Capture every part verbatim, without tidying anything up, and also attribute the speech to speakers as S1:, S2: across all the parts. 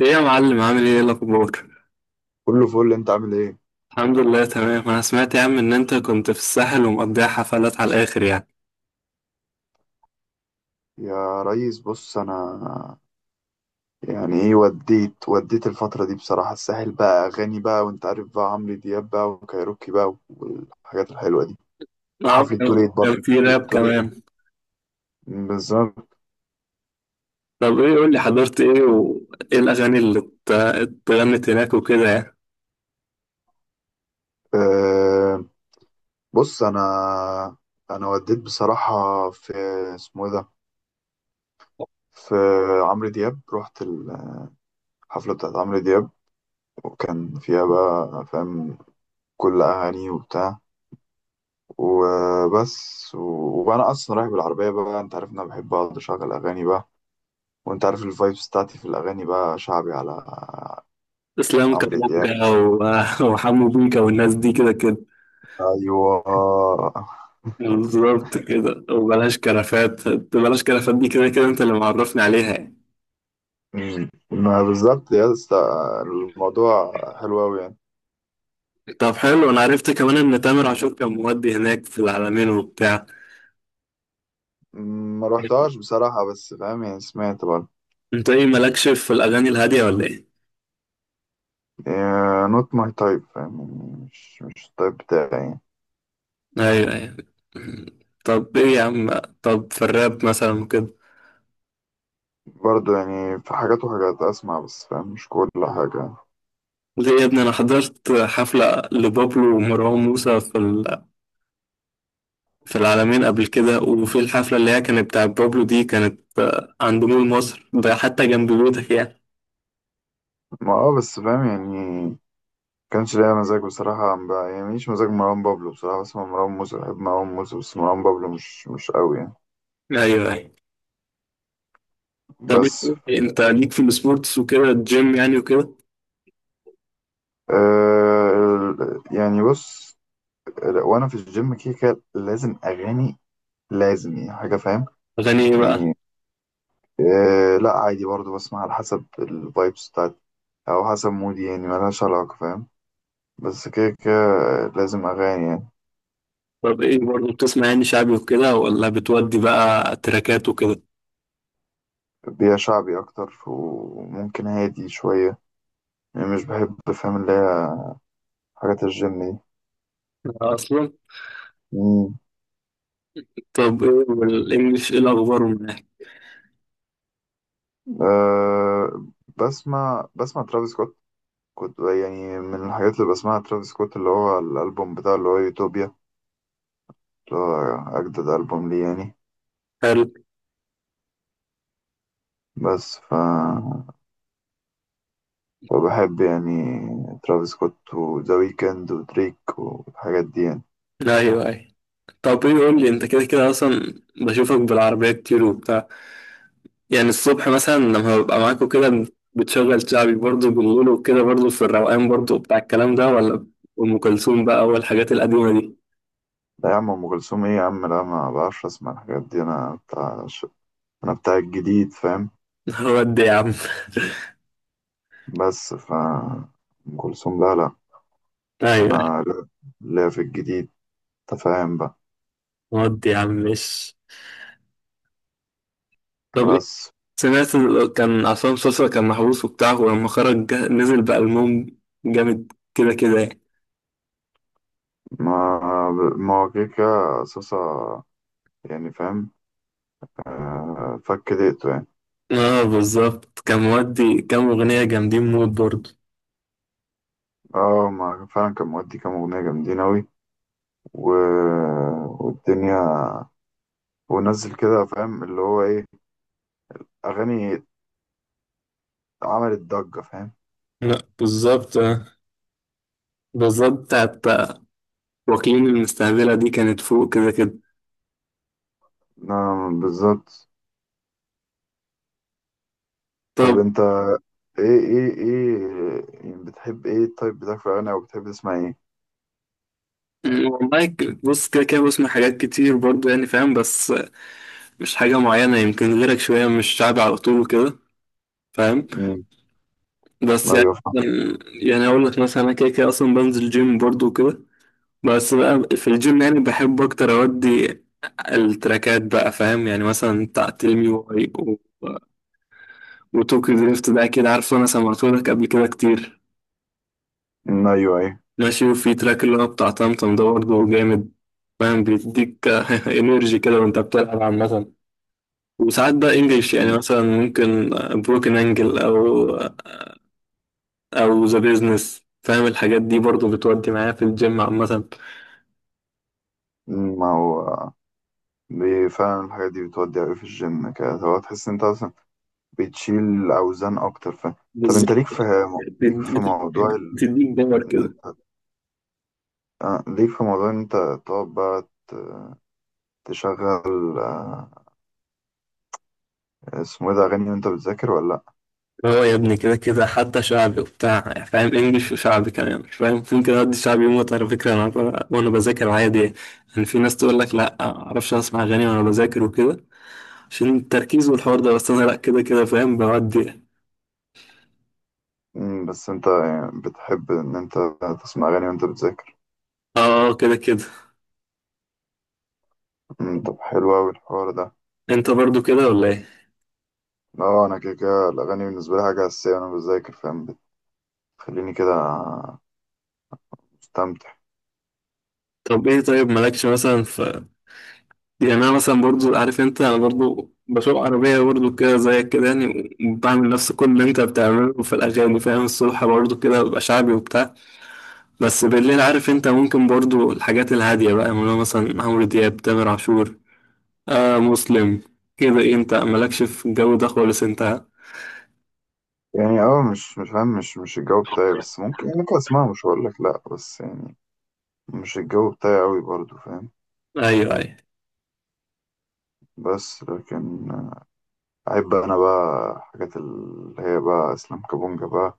S1: ايه يا معلم، عامل ايه؟ إيه الاخبار؟
S2: كله فل، انت عامل ايه؟
S1: الحمد لله، تمام. انا سمعت يا عم ان انت كنت في الساحل ومقضيها حفلات على الاخر يعني.
S2: يا ريس، بص انا. يعني ايه؟ وديت وديت الفترة دي بصراحة. الساحل بقى اغاني بقى، وانت عارف بقى عمرو دياب بقى وكايروكي بقى والحاجات الحلوة دي. وحفلة
S1: اه.
S2: توليت
S1: كان
S2: برضه.
S1: في راب
S2: توليت
S1: كمان؟
S2: بالظبط.
S1: طب ايه، قول لي حضرت ايه وايه الاغاني اللي ات- اتغنت هناك وكده يعني؟
S2: أه بص انا انا وديت بصراحة. في، اسمه ايه ده، في عمرو دياب. رحت الحفلة بتاعت عمرو دياب، وكان فيها بقى فاهم كل اغاني وبتاع وبس. وبقى انا اصلا رايح بالعربيه بقى، انت عارف ان انا بحب اقعد اشغل اغاني بقى. وانت عارف الفايبس بتاعتي في الاغاني بقى شعبي، على
S1: اسلام
S2: عمرو دياب.
S1: كابونجا و- وحمو بيكا والناس دي كده كده.
S2: ايوه.
S1: بالظبط كده، وبلاش كرفات. بلاش كرفات دي كده كده انت اللي معرفني عليها يعني.
S2: مم. ما بالظبط يا اسطى. الموضوع حلو قوي يعني.
S1: طب حلو. انا عرفت كمان ان تامر عاشور كان مودي هناك في العلمين وبتاع.
S2: مم، ما روحتهاش بصراحه، بس فاهم يعني، سمعت برضه.
S1: انت ايه، مالكش في الاغاني الهاديه ولا ايه؟
S2: نوت ماي تايب، فاهم يعني، مش مش التايب بتاعي يعني.
S1: ايوه، ايوه. طب ايه يا عم؟ طب في الراب مثلا كده؟
S2: برضه يعني في حاجات وحاجات اسمع، بس فاهم مش كل حاجه.
S1: ليه يا ابني؟ انا حضرت حفله لبابلو ومروان موسى في ال- في العلمين قبل كده، وفي الحفله اللي هي كانت بتاعت بابلو دي كانت آه، عند مول مصر ده حتى جنب بيوتك يعني.
S2: ما اه بس فاهم يعني، كانش ليا مزاج بصراحة، ما بيعجبنيش مزاج مروان بابلو بصراحة. بسمع مروان موسى، بحب مروان موسى، بس مروان بابلو مش مش قوي يعني.
S1: ايوه، أيوة. طب
S2: بس
S1: إيه، انت ليك في السبورتس وكده الجيم يعني وكده؟
S2: آه ال- يعني بص، لا، وأنا في الجيم كده كده لازم أغاني. لازم يعني حاجة فاهم.
S1: اغاني ايه بقى؟
S2: يعني آه لا عادي برضو، بسمع على حسب الفايبس بتاعت، أو حسب مودي يعني، ملهاش علاقة فاهم. بس كده كده لازم أغاني يعني.
S1: طب ايه برضه بتسمع، يعني شعبي وكده ولا بتودي بقى تراكات وكده؟
S2: بيها شعبي أكتر، وممكن هادي شوية يعني. مش بحب فاهم اللي هي حاجات الجيم
S1: اصلا.
S2: دي.
S1: طب ايه، والانجليش ايه الاخبار معاك؟
S2: أه بسمع بسمع ترافيس سكوت. كنت يعني من الحاجات اللي بسمعها ترافيس سكوت، اللي هو الألبوم بتاعه اللي هو يوتوبيا، اللي هو أجدد ألبوم ليه يعني.
S1: حلو.
S2: بس ف وبحب يعني ترافيس سكوت وذا ويكند ودريك والحاجات دي يعني.
S1: ايوه، ايوه. طب ايه، قول لي. انت كده كده اصلا بشوفك بالعربيه كتير وبتاع، يعني الصبح مثلا لما ببقى معاك وكده، بتشغل شعبي برضه بالليل وكده برضه في الروقان برضه بتاع الكلام ده، ولا ام كلثوم بقى والحاجات القديمه دي؟
S2: لا يا عم، أم كلثوم إيه يا عم؟ لا، ما بعرفش أسمع الحاجات دي. أنا بتاع ش... أنا بتاع الجديد فاهم.
S1: ودي يا عم.
S2: بس ف أم كلثوم لا لا.
S1: ايوه، أيوة.
S2: أنا لا، لا، في الجديد تفاهم بقى.
S1: ودي يا عم، ماشي. طب إيه؟
S2: بس
S1: سمعت ال- كان عصام سوسة كان محبوس وبتاع، ولما خرج جا- نزل بألبوم جامد كده كده يعني.
S2: ما ما هو كده كده صاصة يعني فاهم. آه، فك دقته يعني.
S1: اه بالظبط، كان مودي كام أغنية جامدين موت برضه.
S2: اه، ما فعلا كان مودي كام أغنية جامدين أوي. و... والدنيا ونزل كده فاهم اللي هو إيه، أغاني عملت ضجة فاهم.
S1: لا بالظبط، آه. بالظبط بتاعت، آه، واكلين المستقبلة دي كانت فوق كده كده.
S2: نعم بالظبط. طب
S1: طب
S2: أنت إيه إيه إيه يعني، بتحب إيه التايب بتاعك في الأغاني، أو بتحب تسمع إيه؟
S1: م، والله، ك- بص، كده كده بسمع حاجات كتير برضه يعني فاهم، بس آه، مش حاجة معينة. يمكن غيرك شوية، مش شعبي على طول كده فاهم.
S2: مم.
S1: بس يعني
S2: أيوه فاهم.
S1: م، يعني أقول لك مثلا، أنا كده كده أصلا بنزل جيم برضه كده، بس بقى في الجيم يعني بحب أكتر أودي التراكات بقى فاهم. يعني مثلا بتاع تيل مي واي و... وتوكيو دريفت ده أكيد عارفه، أنا سمعتهولك قبل كده كتير.
S2: مم، أيوه أيوه.
S1: ماشي. وفي تراك اللي هو بتاع طمطم ده برضه جامد فاهم، بيديك انرجي كده وأنت بتلعب عامة. وساعات بقى إنجلش، يعني مثلا ممكن بروكن أنجل، أو أو ذا بيزنس فاهم. الحاجات دي برضه بتودي معايا في الجيم عامة.
S2: مم، ما هو دي فعلا الحاجات دي بتودي أوي في الجيم كده، هو تحس إن أنت أصلا بتشيل اوزان اكتر. ف طب انت
S1: بالظبط.
S2: ليك في ليك
S1: بت-
S2: في
S1: بت-
S2: موضوع ال...
S1: بتديك باور كده.
S2: آه، ليك في موضوع ان انت تقعد بقى ت- تشغل آه، اسمه ايه ده اغاني وانت بتذاكر ولا لا؟
S1: هو يا ابني كده كده حتى شعبي وبتاع فاهم، انجلش وشعبي كمان مش فاهم. ممكن ادي شعبي موت على فكره، انا ب- وانا بذاكر عادي يعني. يعني في ناس تقول لك لا معرفش اسمع اغاني وانا بذاكر وكده عشان التركيز والحوار ده، بس انا لا كده كده فاهم بودي يعني.
S2: مم، بس انت يعني بتحب ان انت تسمع اغاني وانت بتذاكر.
S1: اه كده كده.
S2: مم، طب حلو اوي الحوار ده.
S1: انت برضو كده ولا ايه؟
S2: اه، انا كده كده الاغاني بالنسبه لي حاجه اساسيه وانا بذاكر فاهم. بتخليني كده مستمتع.
S1: طب ايه؟ طيب مالكش مثلا ف يعني. انا مثلا برضو عارف انت، انا برضو بسوق عربيه برضو كده زيك كده يعني، وبعمل نفس كل اللي انت بتعمله في الاغاني فاهم. الصبح برضو كده ببقى شعبي وبتاع، بس بالليل عارف انت ممكن برضو الحاجات الهادية بقى، اللي هو مثلا عمرو دياب، تامر عاشور، آه مسلم كده. ايه، انت مالكش في الجو ده خالص انت؟
S2: يعني اه مش مش فاهم، مش مش الجو بتاعي، بس ممكن ممكن اسمعها، مش هقول لك لا. بس يعني مش الجو بتاعي قوي برضو فاهم.
S1: ايوه، ايوه.
S2: بس لكن أحب أنا بقى حاجات اللي هي بقى إسلام كابونجا بقى،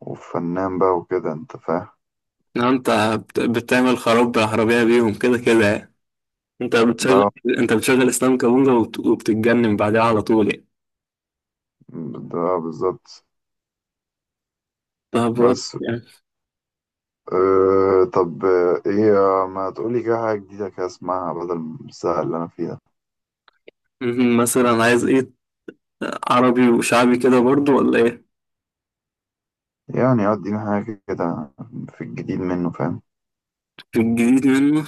S2: وفنان بقى وكده أنت فاهم.
S1: لو انت بت- بتعمل خراب بالعربية بيهم كده كده يعني. انت
S2: لا،
S1: بتشغل انت بتشغل اسلام كابونجا وبت- وبتتجنن بعدها على طول يعني.
S2: ده بالظبط.
S1: طب وات-
S2: بس
S1: يعني.
S2: أه طب آه، إيه آه، ما تقولي كده حاجة جديدة كده أسمعها بدل السهل اللي أنا فيه ده.
S1: مهم. مثلا عايز ايه، عربي وشعبي كده برضو ولا ايه؟
S2: يعني آه، أديني حاجة كده في الجديد منه فاهم.
S1: في الجديد منه.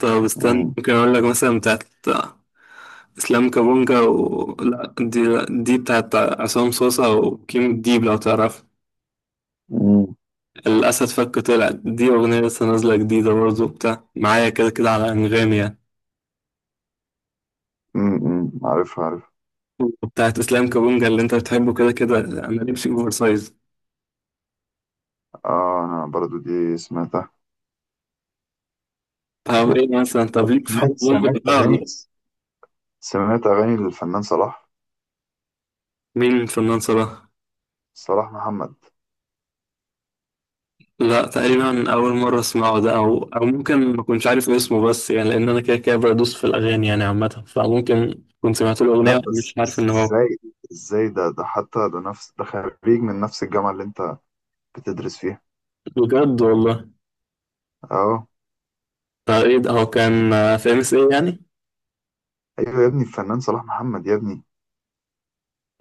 S1: طب استنى،
S2: مم.
S1: ممكن اقول لك مثلا بتاعت اسلام كابونجا و... لا، دي دي بتاعت عصام صوصة وكيم الديب لو تعرف.
S2: مم.
S1: الأسد فك طلع، دي أغنية لسه نازلة جديدة برضه، بتاع معايا كده كده على أنغامي يعني.
S2: مم. مم. عارف عارف.
S1: وبتاعت إسلام كابونجا اللي أنت بتحبه كده كده، أنا لبسي أوفر سايز.
S2: آه، أنا برضو دي سمعتها.
S1: طب إيه مثلا، طب ليك في
S2: سمعت
S1: حب بونجا
S2: سمعت
S1: ده
S2: أغاني،
S1: ولا؟
S2: سمعت أغاني للفنان صلاح،
S1: مين فنان صراحة؟
S2: صلاح محمد.
S1: لا تقريبا أول مرة أسمعه ده، أو أو ممكن ما كنتش عارف اسمه، بس يعني لأن أنا كده كده بدوس في الأغاني يعني عامة، فممكن كنت سمعت له أغنية
S2: لا،
S1: مش
S2: بس
S1: عارف
S2: بس
S1: إن هو.
S2: ازاي ازاي ده ده حتى ده نفس ده خريج من نفس الجامعة اللي انت بتدرس فيها.
S1: بجد والله.
S2: اه،
S1: آه، ايه ده، هو كان آه، في ام اس ايه يعني؟
S2: ايوه يا ابني، الفنان صلاح محمد يا ابني،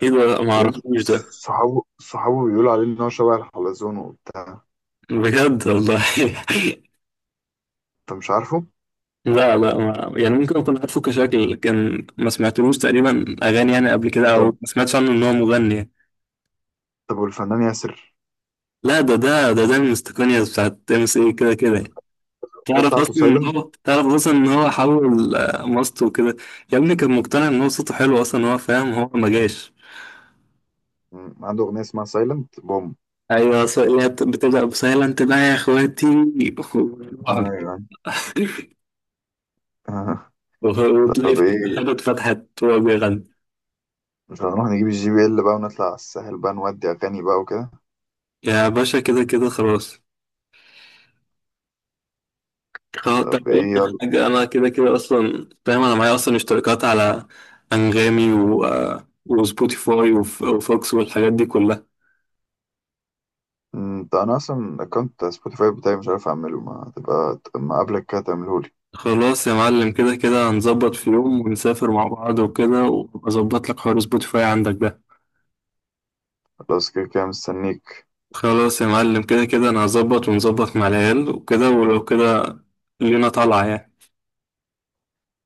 S1: ايه ده، ما
S2: يا ابني.
S1: اعرفوش ده.
S2: صحابه صحابه بيقولوا عليه ان هو شبه الحلزون وبتاع.
S1: بجد والله.
S2: انت مش عارفه.
S1: لا لا، ما يعني ممكن اكون عارفه كشكل، لكن ما سمعتلوش تقريبا اغاني يعني قبل كده، او
S2: طب
S1: ما سمعتش عنه ان هو مغني يعني.
S2: طب والفنان ياسر،
S1: لا ده ده ده ده من استقنية بتاعت ام اس ايه كده كده يعني.
S2: الأغنية
S1: تعرف
S2: بتاعته
S1: اصلا ان
S2: سايلنت.
S1: هو تعرف اصلا ان هو حول آه، ماسته وكده. يا ابني كان مقتنع ان هو صوته حلو اصلا، هو فاهم، هو ما جاش.
S2: عنده اغنية اسمها سايلنت بوم.
S1: ايوه ص- هي بت- بتبدا بسايلنت بقى يا اخواتي.
S2: ايوه. آه.
S1: وتلاقي
S2: طب
S1: في حتة حلوة
S2: ايه،
S1: اتفتحت وهو بيغني.
S2: مش هنروح نجيب الجي بي إل بقى ونطلع على الساحل بقى نودي اغاني بقى وكده؟
S1: يا باشا كده كده خلاص. خلاص طب.
S2: طب
S1: أقول
S2: ايه.
S1: لك حاجة، أنا كده كده أصلا فاهم. أنا معايا أصلا اشتراكات على أنغامي و... آه، وسبوتيفاي وف... وفوكس والحاجات دي كلها.
S2: مم، ده انا اصلا اكونت سبوتيفاي بتاعي مش عارف اعمله، ما تبقى ما قبلك كده تعملهولي.
S1: خلاص يا معلم، كده كده هنظبط في يوم ونسافر مع بعض وكده، وأظبط لك حوار سبوتيفاي عندك ده.
S2: خلاص كده كده مستنيك.
S1: خلاص يا معلم كده كده، أنا هظبط ونظبط مع العيال وكده، ولو كده لينا طالعة يعني.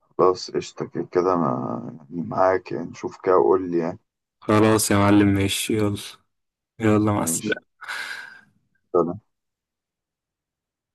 S2: خلاص قشطة كده كده، ما يعني معاك يعني، شوف كده وقول لي يعني.
S1: خلاص يا معلم ماشي، يلا. يلا مع
S2: ماشي.
S1: السلامة.